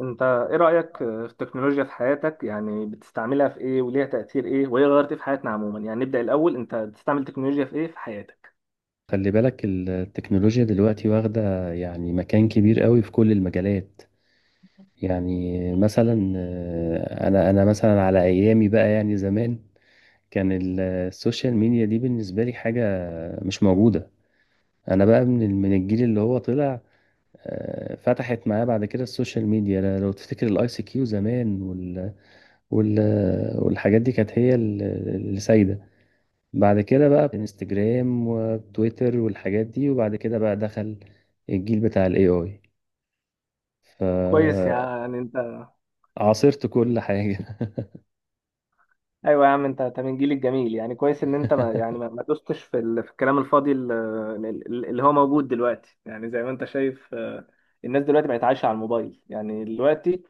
انت ايه رأيك في التكنولوجيا في حياتك؟ يعني بتستعملها في ايه وليها تأثير ايه وهي غيرت ايه في حياتنا عموما؟ يعني نبدأ الاول، انت بتستعمل تكنولوجيا في ايه في حياتك؟ خلي بالك، التكنولوجيا دلوقتي واخدة يعني مكان كبير قوي في كل المجالات. يعني مثلا انا مثلا على ايامي بقى يعني زمان، كان السوشيال ميديا دي بالنسبة لي حاجة مش موجودة. انا بقى من من الجيل اللي هو طلع. فتحت معاه بعد كده السوشيال ميديا. لو تفتكر الاي سي كيو زمان وال والحاجات دي كانت هي اللي سايدة. بعد كده بقى انستجرام وتويتر والحاجات دي، وبعد كده بقى دخل الجيل بتاع الاي اي، كويس. يعني انت فعاصرت كل حاجة. ايوه يا عم، انت من الجيل الجميل. يعني كويس ان انت ما يعني ما ما دوستش في في الكلام الفاضي اللي هو موجود دلوقتي. يعني زي ما انت شايف الناس دلوقتي بقت عايشة على الموبايل. يعني دلوقتي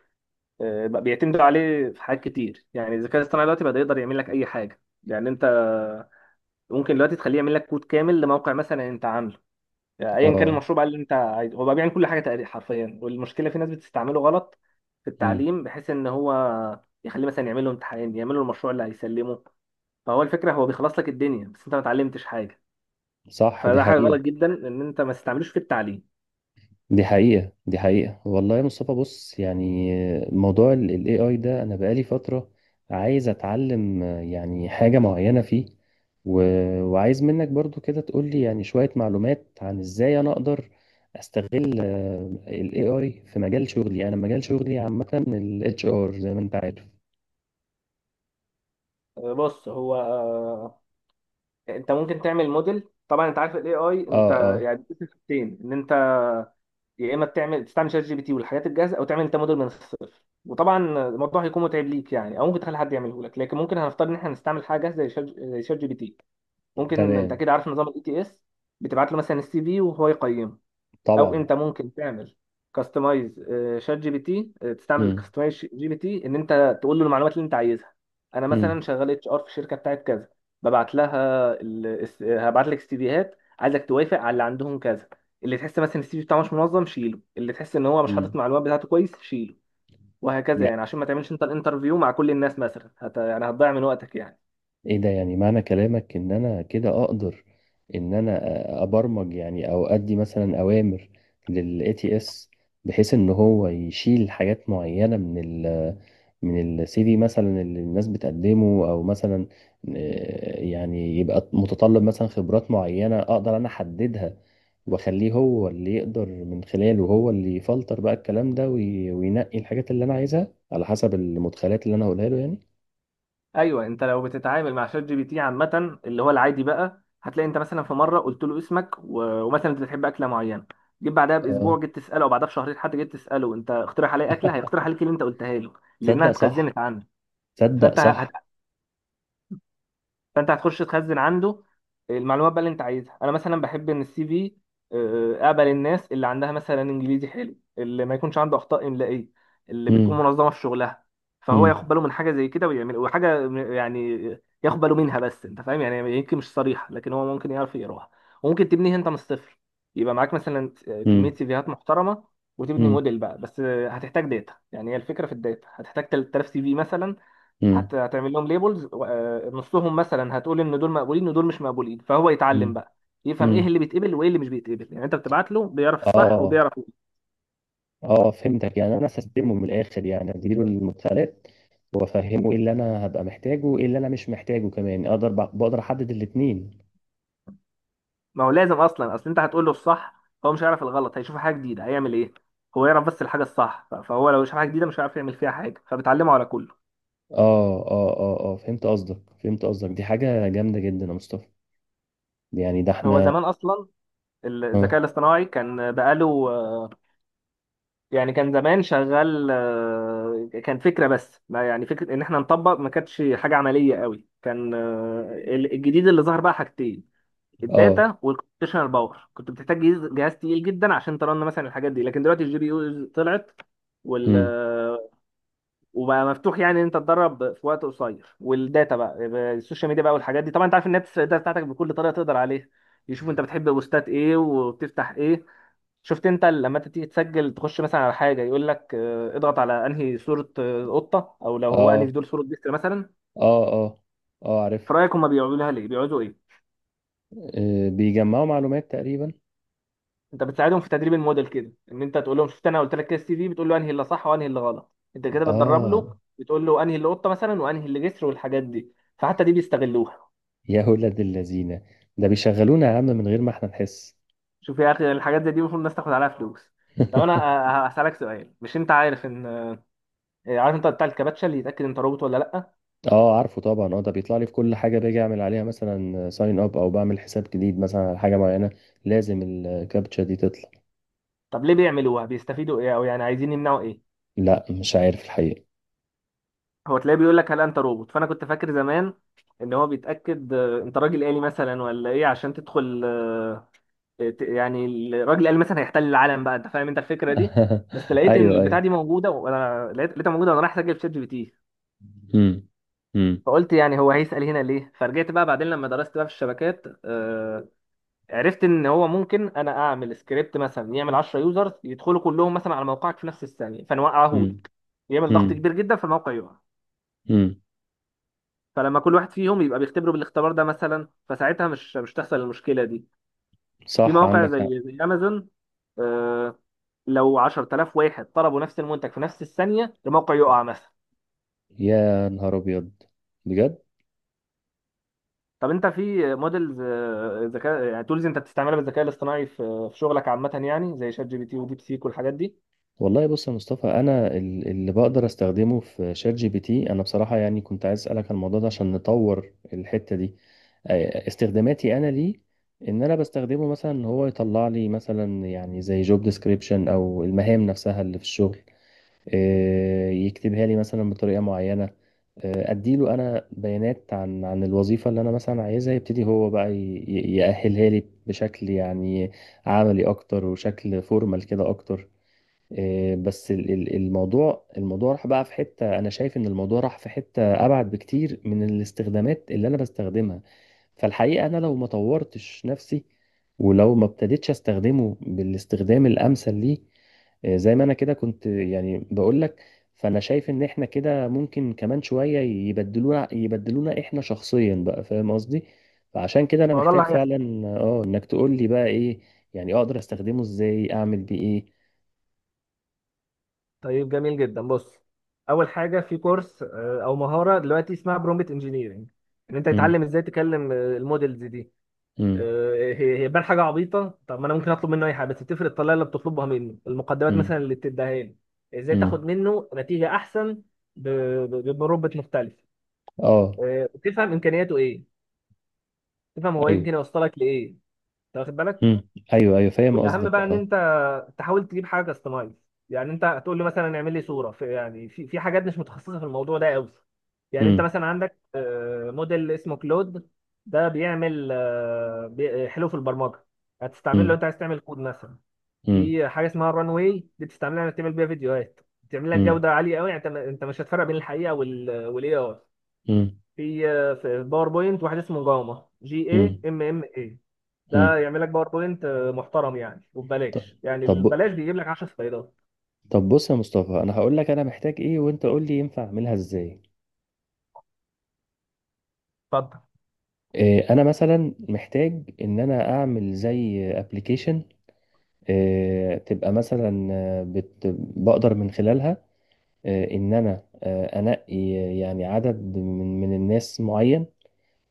بقى بيعتمدوا عليه في حاجات كتير. يعني الذكاء الاصطناعي دلوقتي بقى يقدر يعمل لك اي حاجة. يعني انت ممكن دلوقتي تخليه يعمل لك كود كامل لموقع مثلا انت عامله. يعني ايا كان اه. المشروع بقى اللي انت عايزه، هو بقى بيعمل كل حاجه تقريبا حرفيا. والمشكله في ناس بتستعمله غلط في مم. التعليم، بحيث ان هو يخليه مثلا يعمل له امتحان، يعمل له المشروع اللي هيسلمه. فهو الفكره هو بيخلص لك الدنيا بس انت ما اتعلمتش حاجه. صح، دي فده حاجه حقيقة. غلط جدا ان انت ما تستعملوش في التعليم. دي حقيقة. دي حقيقة والله يا مصطفى. بص، يعني موضوع ال AI ده، أنا بقالي فترة عايز أتعلم يعني حاجة معينة فيه، و... وعايز منك برضو كده تقولي يعني شوية معلومات عن إزاي أنا أقدر أستغل ال AI في مجال شغلي. أنا مجال شغلي عامة ال HR زي ما أنت عارف. بص، هو انت ممكن تعمل موديل. طبعا انت عارف الاي اي. انت آه، آه، يعني بتقسم حاجتين، ان انت يا اما بتعمل تستعمل شات جي بي تي والحاجات الجاهزه، او تعمل انت موديل من الصفر. وطبعا الموضوع هيكون متعب ليك يعني، او ممكن تخلي حد يعمله لك. لكن ممكن هنفترض ان احنا هنستعمل حاجه زي شات جي بي تي. ممكن. انت تمام. كده عارف نظام الاي تي اس؟ بتبعت له مثلا السي في وهو يقيمه. او طبعا. انت ممكن تعمل كاستمايز شات جي بي تي، تستعمل مم. كاستمايز جي بي تي ان انت تقول له المعلومات اللي انت عايزها. انا مم. مثلا شغال اتش ار في الشركه بتاعت كذا، ببعت لها ال... الس- آه، هبعت لك سيفيهات، عايزك توافق على اللي عندهم كذا. اللي تحس مثلا السي في بتاعه مش منظم، شيله. اللي تحس ان هو مش حاطط مم. المعلومات بتاعته كويس، شيله. وهكذا. يعني عشان ما تعملش انت الانترفيو مع كل الناس مثلا يعني هتضيع من وقتك يعني. ايه ده؟ يعني معنى كلامك ان انا كده اقدر ان انا ابرمج يعني، او ادي مثلا اوامر للاي تي اس بحيث ان هو يشيل حاجات معينه من ال من السي في مثلا اللي الناس بتقدمه، او مثلا يعني يبقى متطلب مثلا خبرات معينه اقدر انا احددها، واخليه هو اللي يقدر من خلاله، هو اللي يفلتر بقى الكلام ده وينقي الحاجات اللي انا عايزها على حسب المدخلات اللي انا هقولها له، يعني. ايوه. انت لو بتتعامل مع شات جي بي تي عامه، اللي هو العادي بقى، هتلاقي انت مثلا في مره قلت له اسمك ومثلا انت بتحب اكله معينه. جيت بعدها اه، باسبوع جيت تساله، او بعدها بشهرين حتى جيت تساله، انت اقترح عليا اكله، هيقترح عليك اللي انت قلتها له، لانها تصدق صح. اتخزنت عنه. تصدق فانت ه- صح. فانت هتخش تخزن عنده المعلومات بقى اللي انت عايزها. انا مثلا بحب ان السي في، اقبل الناس اللي عندها مثلا انجليزي حلو، اللي ما يكونش عنده اخطاء املائيه، اللي بتكون امم. منظمه في شغلها. فهو امم. ياخد باله من حاجه زي كده ويعمل وحاجه يعني ياخد باله منها. بس انت فاهم يعني، يمكن مش صريحه لكن هو ممكن يعرف يقراها. وممكن تبنيها انت من الصفر. يبقى معاك مثلا كميه امم. سيفيهات محترمه وتبني امم. موديل بقى، بس هتحتاج داتا. يعني هي الفكره في الداتا. هتحتاج 3,000 سي في مثلا. امم. هتعمل لهم ليبلز. نصهم مثلا هتقول ان دول مقبولين ودول مش مقبولين، فهو يتعلم امم. بقى يفهم ايه امم. اللي بيتقبل وايه اللي مش بيتقبل. يعني انت بتبعت له، بيعرف الصح اه، وبيعرف إيه. اه، فهمتك، يعني انا هستلمه من الاخر، يعني اديله المدخلات وافهمه ايه اللي انا هبقى محتاجه وايه اللي انا مش محتاجه، كمان اقدر بقدر احدد الاتنين. ما هو لازم اصلا. اصل انت هتقول له الصح، هو مش هيعرف الغلط. هيشوف حاجه جديده، هيعمل ايه؟ هو يعرف بس الحاجه الصح، فهو لو شاف حاجه جديده مش هيعرف يعمل فيها حاجه، فبتعلمه على كله. اه، اه، اه، اه، فهمت قصدك، فهمت قصدك، دي حاجة جامدة جدا يا مصطفى. يعني ده هو احنا. زمان اصلا اه، الذكاء الاصطناعي كان بقاله يعني كان زمان شغال، كان فكرة. بس ما يعني فكرة ان احنا نطبق، ما كانتش حاجة عملية قوي. كان الجديد اللي ظهر بقى حاجتين. اه، الداتا والكمبيوتيشنال باور. كنت بتحتاج جهاز جهاز تقيل جدا عشان ترن مثلا الحاجات دي. لكن دلوقتي الجي بي يو طلعت وال امم، آه، وبقى مفتوح يعني ان انت تدرب في وقت قصير. والداتا بقى السوشيال ميديا بقى والحاجات دي. طبعا انت عارف، الناس الداتا بتاعتك بكل طريقة تقدر عليها. يشوف انت بتحب بوستات ايه وبتفتح ايه. شفت انت لما انت تيجي تسجل تخش مثلا على حاجه، يقول لك اضغط على انهي صوره قطه، او لو هو انهي اه، في دول صوره بيست مثلا. اه، اه، اه، عارف. في رايك هم بيعملوا لها ليه؟ بيقعدوا ايه؟ بيجمعوا معلومات تقريبا. انت بتساعدهم في تدريب الموديل كده، ان انت تقول لهم. شفت، انا قلت لك كده السي في بتقول له انهي اللي صح وانهي اللي غلط. انت كده بتدرب اه، له، بتقول له انهي اللي قطه مثلا وانهي اللي جسر والحاجات دي. فحتى دي بيستغلوها. يا ولاد اللذينه، ده بيشغلونا يا عم من غير ما احنا نحس. شوف يا اخي، الحاجات زي دي المفروض الناس تاخد عليها فلوس. طب انا هسالك سؤال. مش انت عارف ان عارف انت بتاع الكباتشه اللي يتاكد انت روبوت ولا لا؟ اه، عارفه طبعا. اه، ده بيطلع لي في كل حاجه باجي اعمل عليها مثلا ساين اب، او بعمل حساب جديد مثلا على حاجه معينه لازم الكابتشا دي تطلع. طب ليه بيعملوها؟ بيستفيدوا ايه او يعني عايزين يمنعوا ايه؟ لا، مش عارف الحقيقه. هو تلاقيه بيقول لك هل انت روبوت، فانا كنت فاكر زمان ان هو بيتاكد انت راجل آلي مثلا ولا ايه، عشان تدخل يعني الراجل الآلي مثلا هيحتل العالم بقى، انت فاهم انت الفكره دي؟ بس لقيت ان ايوه، البتاع ايوه. دي موجوده، وانا لقيتها موجوده وانا رايح اسجل في شات جي بي تي. امم. امم. فقلت يعني هو هيسال هنا ليه. فرجعت بقى بعدين لما درست بقى في الشبكات، عرفت ان هو ممكن انا اعمل سكريبت مثلا يعمل 10 يوزرز يدخلوا كلهم مثلا على موقعك في نفس الثانيه فنوقعه لك. يعمل ضغط امم. كبير جدا فالموقع يقع. امم. فلما كل واحد فيهم يبقى بيختبره بالاختبار ده مثلا، فساعتها مش تحصل المشكلة دي. في صح، مواقع عندك حق. زي امازون، آه، لو 10,000 واحد طلبوا نفس المنتج في نفس الثانية الموقع يقع مثلا. يا نهار ابيض، بجد. طب انت في موديلز ذكاء يعني تولز انت بتستعملها بالذكاء الاصطناعي في شغلك عامة، يعني زي شات جي بي تي وديب سيك والحاجات دي؟ والله بص يا مصطفى، انا اللي بقدر استخدمه في شات جي بي تي، انا بصراحه يعني كنت عايز اسالك عن الموضوع ده عشان نطور الحته دي. استخداماتي انا ليه ان انا بستخدمه مثلا ان هو يطلع لي مثلا يعني زي جوب ديسكريبشن او المهام نفسها اللي في الشغل. يكتبها لي مثلا بطريقه معينه. اديله انا بيانات عن الوظيفه اللي انا مثلا عايزها، يبتدي هو بقى يأهلها لي بشكل يعني عملي اكتر، وشكل فورمال كده اكتر. إيه، بس الموضوع راح بقى في حتة، أنا شايف إن الموضوع راح في حتة أبعد بكتير من الاستخدامات اللي أنا بستخدمها. فالحقيقة أنا لو ما طورتش نفسي ولو ما ابتديتش أستخدمه بالاستخدام الأمثل ليه، إيه، زي ما أنا كده كنت يعني بقول لك، فأنا شايف إن إحنا كده ممكن كمان شوية يبدلونا، يبدلونا إحنا شخصيا بقى، فاهم قصدي؟ فعشان كده أنا ما هو ده محتاج اللي هيحصل. فعلا إنك تقول لي بقى إيه، يعني أقدر أستخدمه إزاي، أعمل بيه إيه؟ طيب جميل جدا. بص، اول حاجه في كورس او مهاره دلوقتي اسمها برومبت انجينيرنج، ان انت تتعلم ازاي تكلم المودلز دي. امم، هي بان حاجه عبيطه، طب ما انا ممكن اطلب منه اي حاجه. بس بتفرق الطريقه اللي بتطلبها منه، المقدمات امم، مثلا اللي بتديها لي، ازاي تاخد امم، منه نتيجه احسن ب- بمربط مختلف. اه، تفهم امكانياته ايه، تفهم هو ايوه، يمكن يوصلك لايه. انت واخد بالك؟ امم، ايوه، ايوه، فاهم والاهم قصدك. بقى ان اه. انت تحاول تجيب حاجه كاستمايز. يعني انت هتقول له مثلا اعمل لي صوره في، يعني في حاجات مش متخصصه في الموضوع ده قوي. يعني انت امم. مثلا عندك موديل اسمه كلود. ده بيعمل حلو في البرمجه. هتستعمله لو امم. انت عايز تعمل كود مثلا. امم. في حاجه اسمها الران واي، دي بتستعملها انك تعمل بيها فيديوهات بتعمل لك امم. جوده عاليه قوي. يعني انت مش هتفرق بين الحقيقه والاي اي. امم. في باوربوينت واحد اسمه جاما جي اي امم. ام ام اي. ده امم. يعمل لك باوربوينت محترم يعني ط- وببلاش. يعني طب، البلاش بيجيب لك 10 سلايدات. طب، بص يا مصطفى، انا هقول لك انا محتاج ايه وانت قول لي ينفع اعملها ازاي. اتفضل. إيه، انا مثلا محتاج ان انا اعمل زي ابلكيشن، إيه، تبقى مثلا آه، بت بقدر من خلالها ان انا انقي يعني عدد من الناس معين،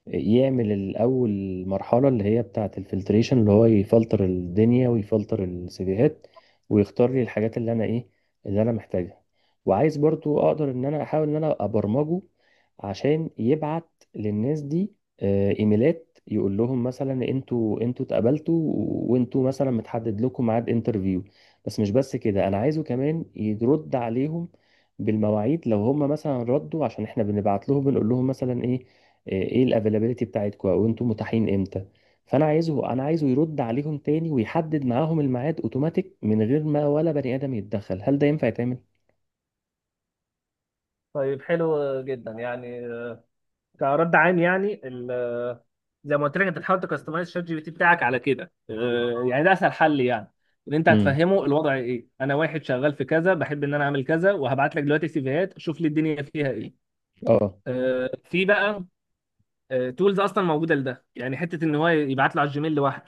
يعمل الأول مرحلة اللي هي بتاعة الفلتريشن، اللي هو يفلتر الدنيا ويفلتر السيفيهات ويختار لي الحاجات اللي أنا، إيه، اللي أنا محتاجها. وعايز برضو أقدر إن أنا أحاول إن أنا أبرمجه عشان يبعت للناس دي إيميلات، يقول لهم مثلا أنتوا اتقبلتوا، وأنتوا مثلا متحدد لكم ميعاد انترفيو. بس مش بس كده، أنا عايزه كمان يرد عليهم بالمواعيد لو هم مثلا ردوا، عشان احنا بنبعت لهم بنقول لهم مثلا ايه، ايه الافيلابيلتي بتاعتكم، او انتم متاحين امتى. فانا عايزه يرد عليهم تاني ويحدد معاهم الميعاد اوتوماتيك من غير ما ولا بني ادم يتدخل. هل ده ينفع يتعمل؟ طيب حلو جدا يعني، كرد عام يعني. زي ما قلت لك، انت تحاول تكستمايز شات جي بي تي بتاعك على كده. يعني ده اسهل حل يعني. ان انت امم، هتفهمه الوضع ايه. انا واحد شغال في كذا بحب ان انا اعمل كذا، وهبعت لك دلوقتي سيفيهات، شوف لي الدنيا فيها ايه. اه، في بقى تولز اصلا موجوده لده، يعني حته ان هو يبعت له على الجيميل لوحده.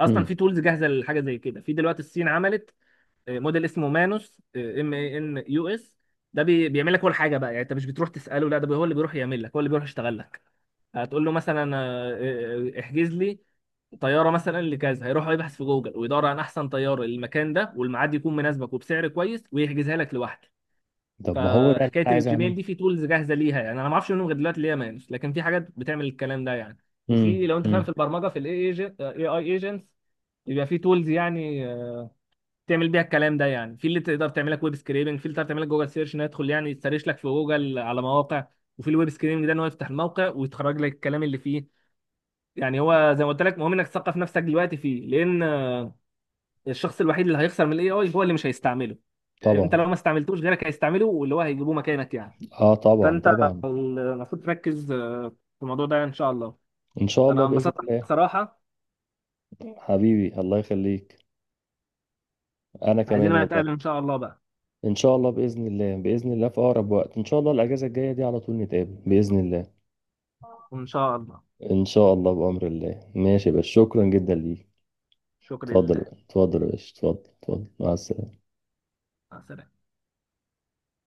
اصلا امم. في تولز جاهزه لحاجه زي كده. في دلوقتي، الصين عملت موديل اسمه مانوس ام اي ان يو اس. ده بيعمل لك كل حاجه بقى. يعني انت مش بتروح تساله، لا ده هو اللي بيروح يعمل لك، هو اللي بيروح يشتغل لك. هتقول له مثلا احجز لي طياره مثلا لكذا، هيروح يبحث في جوجل ويدور عن احسن طياره للمكان ده والميعاد يكون مناسبك وبسعر كويس ويحجزها لك لوحده. طب ما هو ده اللي فحكايه انا عايز اعمله. الجيميل دي، في تولز جاهزه ليها يعني. انا ما اعرفش منهم غير دلوقتي اللي هي مانوس، لكن في حاجات بتعمل الكلام ده يعني. وفي، امم. لو انت فاهم في امم. البرمجه، في الاي اي اي ايجنتس، يبقى في تولز يعني. تعمل بيها الكلام ده يعني، في اللي تقدر تعملك ويب سكريبنج، في اللي تقدر تعملك جوجل سيرش، انه يدخل يعني يسرش لك في جوجل على مواقع. وفي الويب سكريبنج ده، ان هو يفتح الموقع ويتخرج لك الكلام اللي فيه. يعني هو زي ما قلت لك، مهم انك تثقف نفسك دلوقتي فيه. لان الشخص الوحيد اللي هيخسر من الاي اي هو اللي مش هيستعمله. انت طبعا. لو ما استعملتوش غيرك هيستعمله، واللي هو هيجيبوه مكانك يعني. اه، طبعا، فانت طبعا. المفروض تركز في الموضوع ده ان شاء الله. ان شاء الله، انا باذن انبسطت الله. بصراحة. حبيبي، الله يخليك. انا كمان عايزين بقى نتقابل والله. ان شاء الله بقى. ان شاء الله، باذن الله، باذن الله في اقرب وقت ان شاء الله. الاجازه الجايه دي على طول نتقابل باذن الله. ان شاء الله. ان شاء الله، بامر الله. ماشي، بس شكرا جدا ليك. شكرا اتفضل، لله. اتفضل يا باشا، اتفضل، اتفضل، مع السلامة. مع السلامة.